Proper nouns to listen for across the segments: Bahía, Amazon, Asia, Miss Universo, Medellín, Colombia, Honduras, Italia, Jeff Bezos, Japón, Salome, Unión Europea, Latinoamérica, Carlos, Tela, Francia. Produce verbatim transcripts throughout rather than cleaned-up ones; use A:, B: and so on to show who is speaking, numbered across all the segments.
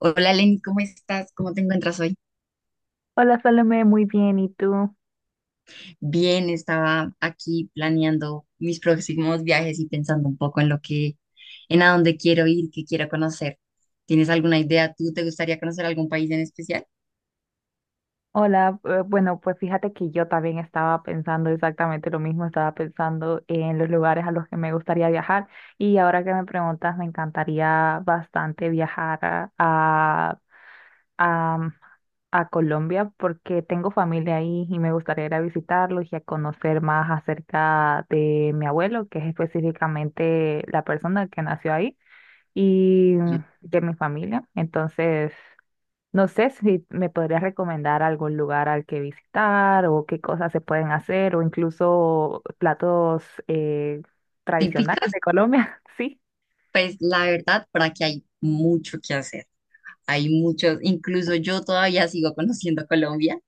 A: Hola Lenny, ¿cómo estás? ¿Cómo te encuentras hoy?
B: Hola, Salome, muy bien. ¿Y tú?
A: Bien, estaba aquí planeando mis próximos viajes y pensando un poco en lo que, en a dónde quiero ir, qué quiero conocer. ¿Tienes alguna idea? ¿Tú te gustaría conocer algún país en especial?
B: Hola, eh, bueno, pues fíjate que yo también estaba pensando exactamente lo mismo. Estaba pensando en los lugares a los que me gustaría viajar y ahora que me preguntas, me encantaría bastante viajar a, a, a- a Colombia porque tengo familia ahí y me gustaría ir a visitarlos y a conocer más acerca de mi abuelo, que es específicamente la persona que nació ahí y de mi familia. Entonces, no sé si me podrías recomendar algún lugar al que visitar o qué cosas se pueden hacer, o incluso platos eh, tradicionales
A: Típicas.
B: de Colombia. Sí.
A: Pues la verdad, por aquí hay mucho que hacer. Hay muchos, incluso yo todavía sigo conociendo Colombia.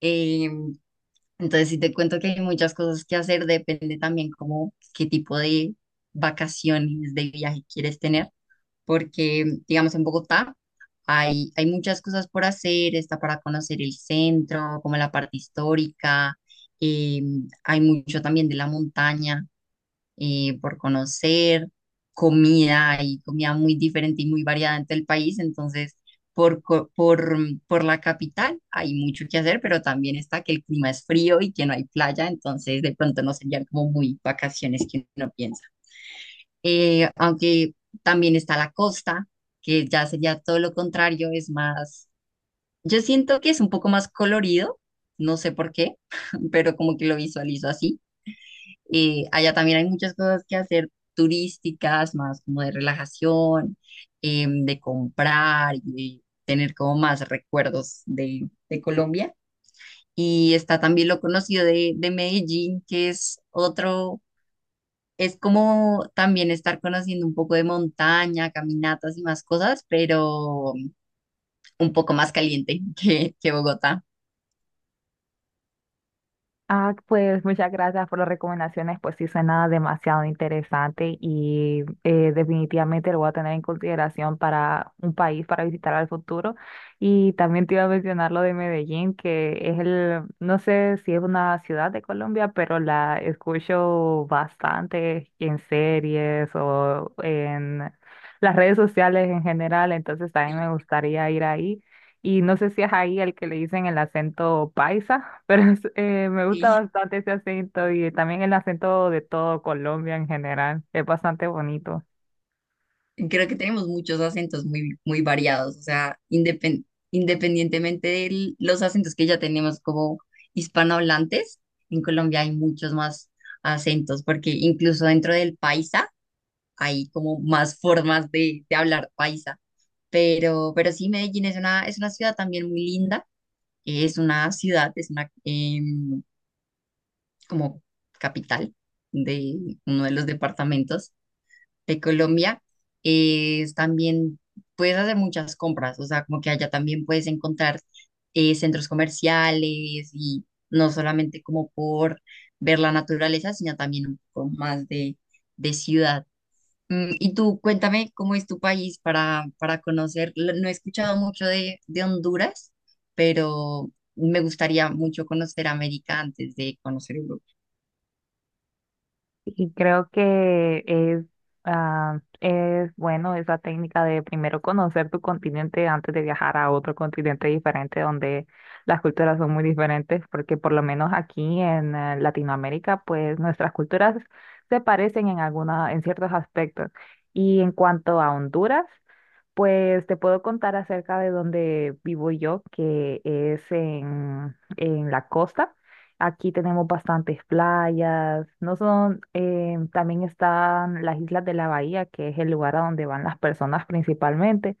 A: Eh, entonces, si te cuento que hay muchas cosas que hacer, depende también como qué tipo de vacaciones, de viaje quieres tener porque, digamos, en Bogotá hay, hay muchas cosas por hacer, está para conocer el centro, como la parte histórica, eh, hay mucho también de la montaña eh, por conocer, comida, hay comida muy diferente y muy variada en todo el país, entonces por, co- por, por la capital hay mucho que hacer, pero también está que el clima es frío y que no hay playa, entonces de pronto no serían como muy vacaciones que uno piensa, eh, aunque también está la costa, que ya sería todo lo contrario, es más, yo siento que es un poco más colorido, no sé por qué, pero como que lo visualizo así. Eh, allá también hay muchas cosas que hacer turísticas, más como de relajación, em, de comprar y tener como más recuerdos de, de Colombia. Y está también lo conocido de, de Medellín, que es otro, es como también estar conociendo un poco de montaña, caminatas y más cosas, pero un poco más caliente que, que Bogotá.
B: Ah, pues muchas gracias por las recomendaciones, pues sí, suena demasiado interesante y eh, definitivamente lo voy a tener en consideración para un país para visitar al futuro. Y también te iba a mencionar lo de Medellín, que es el, no sé si es una ciudad de Colombia, pero la escucho bastante en series o en las redes sociales en general, entonces también
A: Sí,
B: me gustaría ir ahí. Y no sé si es ahí el que le dicen el acento paisa, pero es- eh, me gusta
A: sí.
B: bastante ese acento y también el acento de todo Colombia en general. Es bastante bonito.
A: Creo que tenemos muchos acentos muy, muy variados, o sea, indepen- independientemente de los acentos que ya tenemos como hispanohablantes, en Colombia hay muchos más acentos, porque incluso dentro del paisa hay como más formas de, de hablar paisa. Pero, pero sí, Medellín es una, es una ciudad también muy linda. Es una ciudad, es una em, como capital de uno de los departamentos de Colombia. Es también puedes hacer muchas compras, o sea, como que allá también puedes encontrar eh, centros comerciales y no solamente como por ver la naturaleza, sino también un poco más de, de ciudad. Mm, y tú, cuéntame cómo es tu país para, para conocer. L- No he escuchado mucho de, de Honduras, pero me gustaría mucho conocer América antes de conocer Europa.
B: Y creo que es, ah, es bueno esa técnica de primero conocer tu continente antes de viajar a otro continente diferente donde las culturas son muy diferentes, porque por lo menos aquí en eh, Latinoamérica, pues nuestras culturas se parecen en alguna, en ciertos aspectos. Y en cuanto a Honduras, pues te puedo contar acerca de donde vivo yo, que es en, en la costa. Aquí tenemos bastantes playas. No son, eh, también están las islas de la Bahía, que es el lugar a donde van las personas principalmente.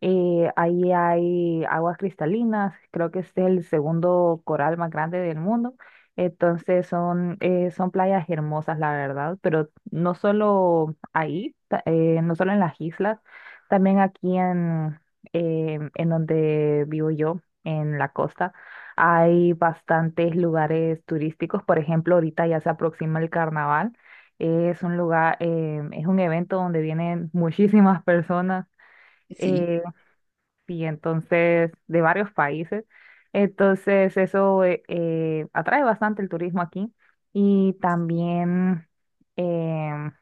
B: Eh, ahí hay aguas cristalinas, creo que este es el segundo coral más grande del mundo. Entonces son, eh, son playas hermosas, la verdad, pero no solo ahí, ta- eh, no solo en las islas, también aquí en, eh, en donde vivo yo, en la costa, hay bastantes lugares turísticos. Por ejemplo, ahorita ya se aproxima el carnaval. Es un lugar, eh, es un evento donde vienen muchísimas personas
A: Sí,
B: y entonces de varios países. Entonces eso eh, eh, atrae bastante el turismo aquí y
A: sí,
B: también, em,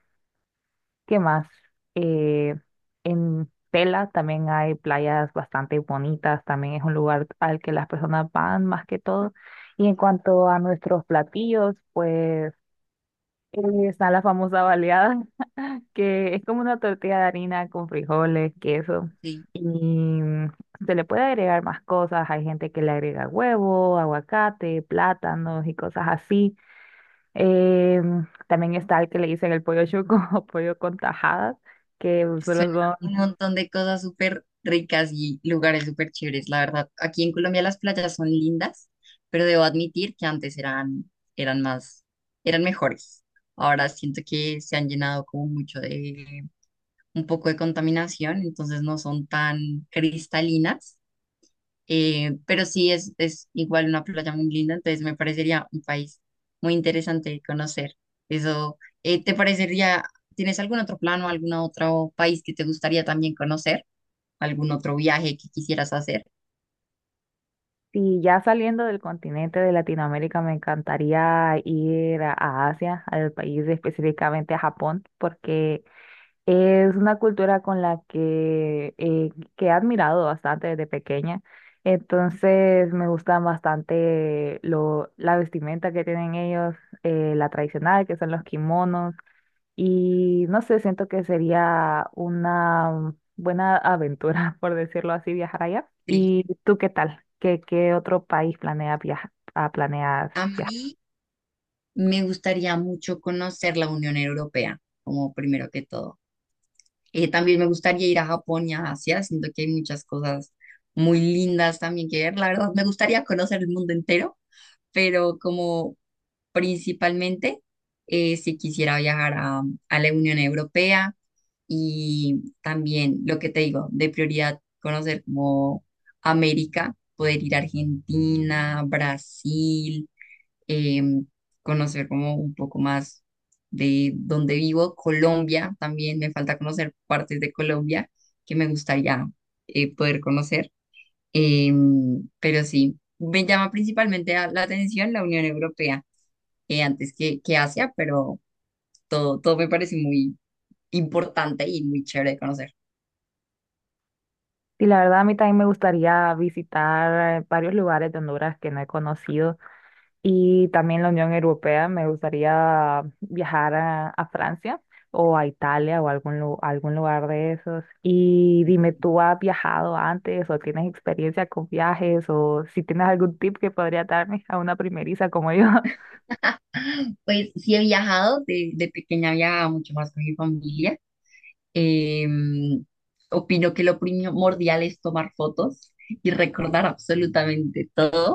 B: ¿qué más? Eh, en Tela también hay playas bastante bonitas, también es un lugar al que las personas van más que todo. Y en cuanto a nuestros platillos, pues eh, está la famosa baleada, que es como una tortilla de harina con frijoles, queso,
A: sí.
B: y se le puede agregar más cosas. Hay gente que le agrega huevo, aguacate, plátanos y cosas así. Em, también está el que le dicen el pollo chuco o pollo con tajadas, que solo
A: Suena
B: son...
A: un montón de cosas súper ricas y lugares súper chéveres, la verdad. Aquí en Colombia las playas son lindas, pero debo admitir que antes eran, eran más, eran mejores. Ahora siento que se han llenado como mucho de un poco de contaminación, entonces no son tan cristalinas, eh, pero sí es, es igual una playa muy linda, entonces me parecería un país muy interesante de conocer. Eso, eh, ¿te parecería, tienes algún otro plan o algún otro país que te gustaría también conocer? ¿Algún otro viaje que quisieras hacer?
B: Y ya saliendo del continente de Latinoamérica, me encantaría ir a a Asia, al país específicamente a Japón, porque es una cultura con la que, eh, que he admirado bastante desde pequeña. Entonces me gustan bastante lo, la vestimenta que tienen ellos, eh, la tradicional, que son los kimonos. Y no sé, siento que sería una buena aventura, por decirlo así, viajar allá.
A: Sí.
B: ¿Y tú qué tal? ¿Qué, qué otro país planeas viajar? planeas
A: A
B: viajar?
A: mí me gustaría mucho conocer la Unión Europea, como primero que todo. Eh, también me gustaría ir a Japón y a Asia, siento que hay muchas cosas muy lindas también que ver. La verdad, me gustaría conocer el mundo entero, pero como principalmente, eh, si quisiera viajar a, a la Unión Europea, y también lo que te digo, de prioridad, conocer como América, poder ir a Argentina, Brasil, em, conocer como un poco más de donde vivo, Colombia. También me falta conocer partes de Colombia que me gustaría eh, poder conocer. Em, pero sí, me llama principalmente a- la atención la Unión Europea eh, antes que, que Asia, pero todo, todo me parece muy importante y muy chévere de conocer.
B: Y la verdad, a mí también me gustaría visitar eh, varios lugares de Honduras que no he conocido. Y también la Unión Europea. Me gustaría viajar a, a Francia o a Italia o a algún, lu- algún lugar de esos. Y dime, ¿tú has viajado antes o tienes experiencia con viajes, o si tienes algún tip que podría darme a una primeriza como yo?
A: Pues sí he viajado, de, de pequeña viajaba mucho más con mi familia. Em, Opino que lo primordial es tomar fotos y recordar absolutamente todo,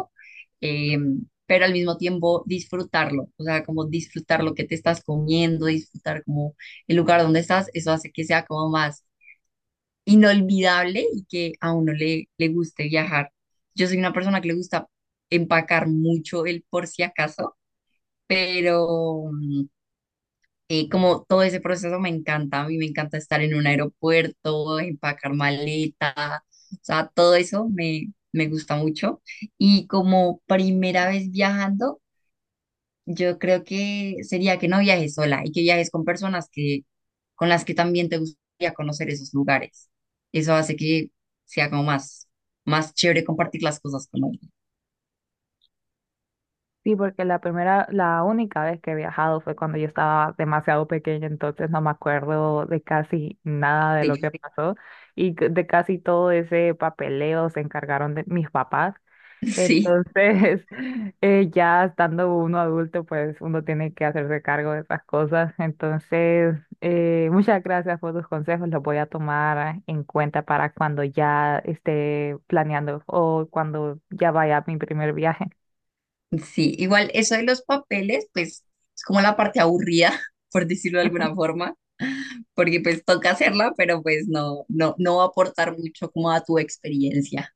A: em, pero al mismo tiempo disfrutarlo, o sea, como disfrutar lo que te estás comiendo, disfrutar como el lugar donde estás, eso hace que sea como más inolvidable y que a uno le, le guste viajar. Yo soy una persona que le gusta empacar mucho el por si acaso, pero... mm, y como todo ese proceso me encanta, a mí me encanta estar en un aeropuerto, empacar maleta, o sea, todo eso me, me gusta mucho. Y como primera vez viajando, yo creo que sería que no viajes sola y que viajes con personas que, con las que también te gustaría conocer esos lugares. Eso hace que sea como más, más chévere compartir las cosas con alguien.
B: Sí, porque la primera, la única vez que he viajado fue cuando yo estaba demasiado pequeña, entonces no me acuerdo de casi nada de lo que
A: Sí,
B: pasó y c- de casi todo ese papeleo se encargaron de mis papás.
A: sí,
B: Entonces, eh, ya estando uno adulto, pues uno tiene que hacerse cargo de esas cosas. Entonces, eh, muchas gracias por tus consejos, los voy a tomar en cuenta para cuando ya esté planeando o cuando ya vaya a mi primer viaje.
A: sí. Igual eso de los papeles, pues es como la parte aburrida, por decirlo de alguna forma porque pues toca hacerla, pero pues no, no, no va a aportar mucho como a tu experiencia.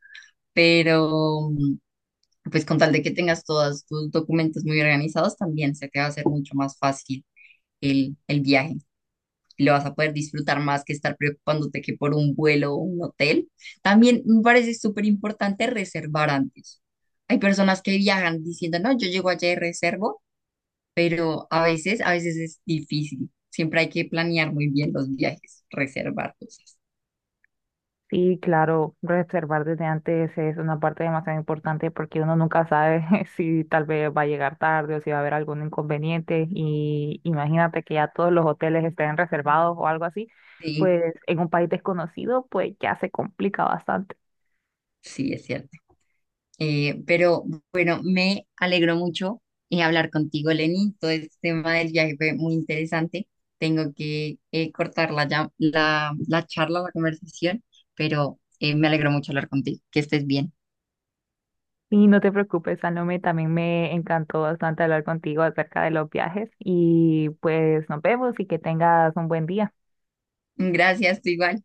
A: Pero mm, pues con tal de que tengas todos tus documentos muy organizados, también se te va a hacer mucho más fácil el, el viaje. Lo vas a poder disfrutar más que estar preocupándote que por un vuelo o un hotel. También me parece súper importante reservar antes. Hay personas que viajan diciendo, no, yo llego allá y reservo, pero a veces, a veces es difícil. Siempre hay que planear muy bien los viajes, reservar cosas.
B: Sí, claro, reservar desde antes es una parte demasiado importante porque uno nunca sabe si tal vez va a llegar tarde o si va a haber algún inconveniente, y imagínate que ya todos los hoteles estén reservados o algo así,
A: Sí,
B: pues en un país desconocido pues ya se complica bastante.
A: sí, es cierto. Eh, pero bueno, me alegró mucho eh, hablar contigo, Lenny. Todo este tema del viaje fue muy interesante. Tengo que eh, cortar la, llam- la, la charla, la conversación, pero eh, me alegró mucho hablar contigo. Que estés bien.
B: Y no te preocupes, Salome, también me encantó bastante hablar contigo acerca de los viajes y pues nos vemos y que tengas un buen día.
A: Gracias, tú igual.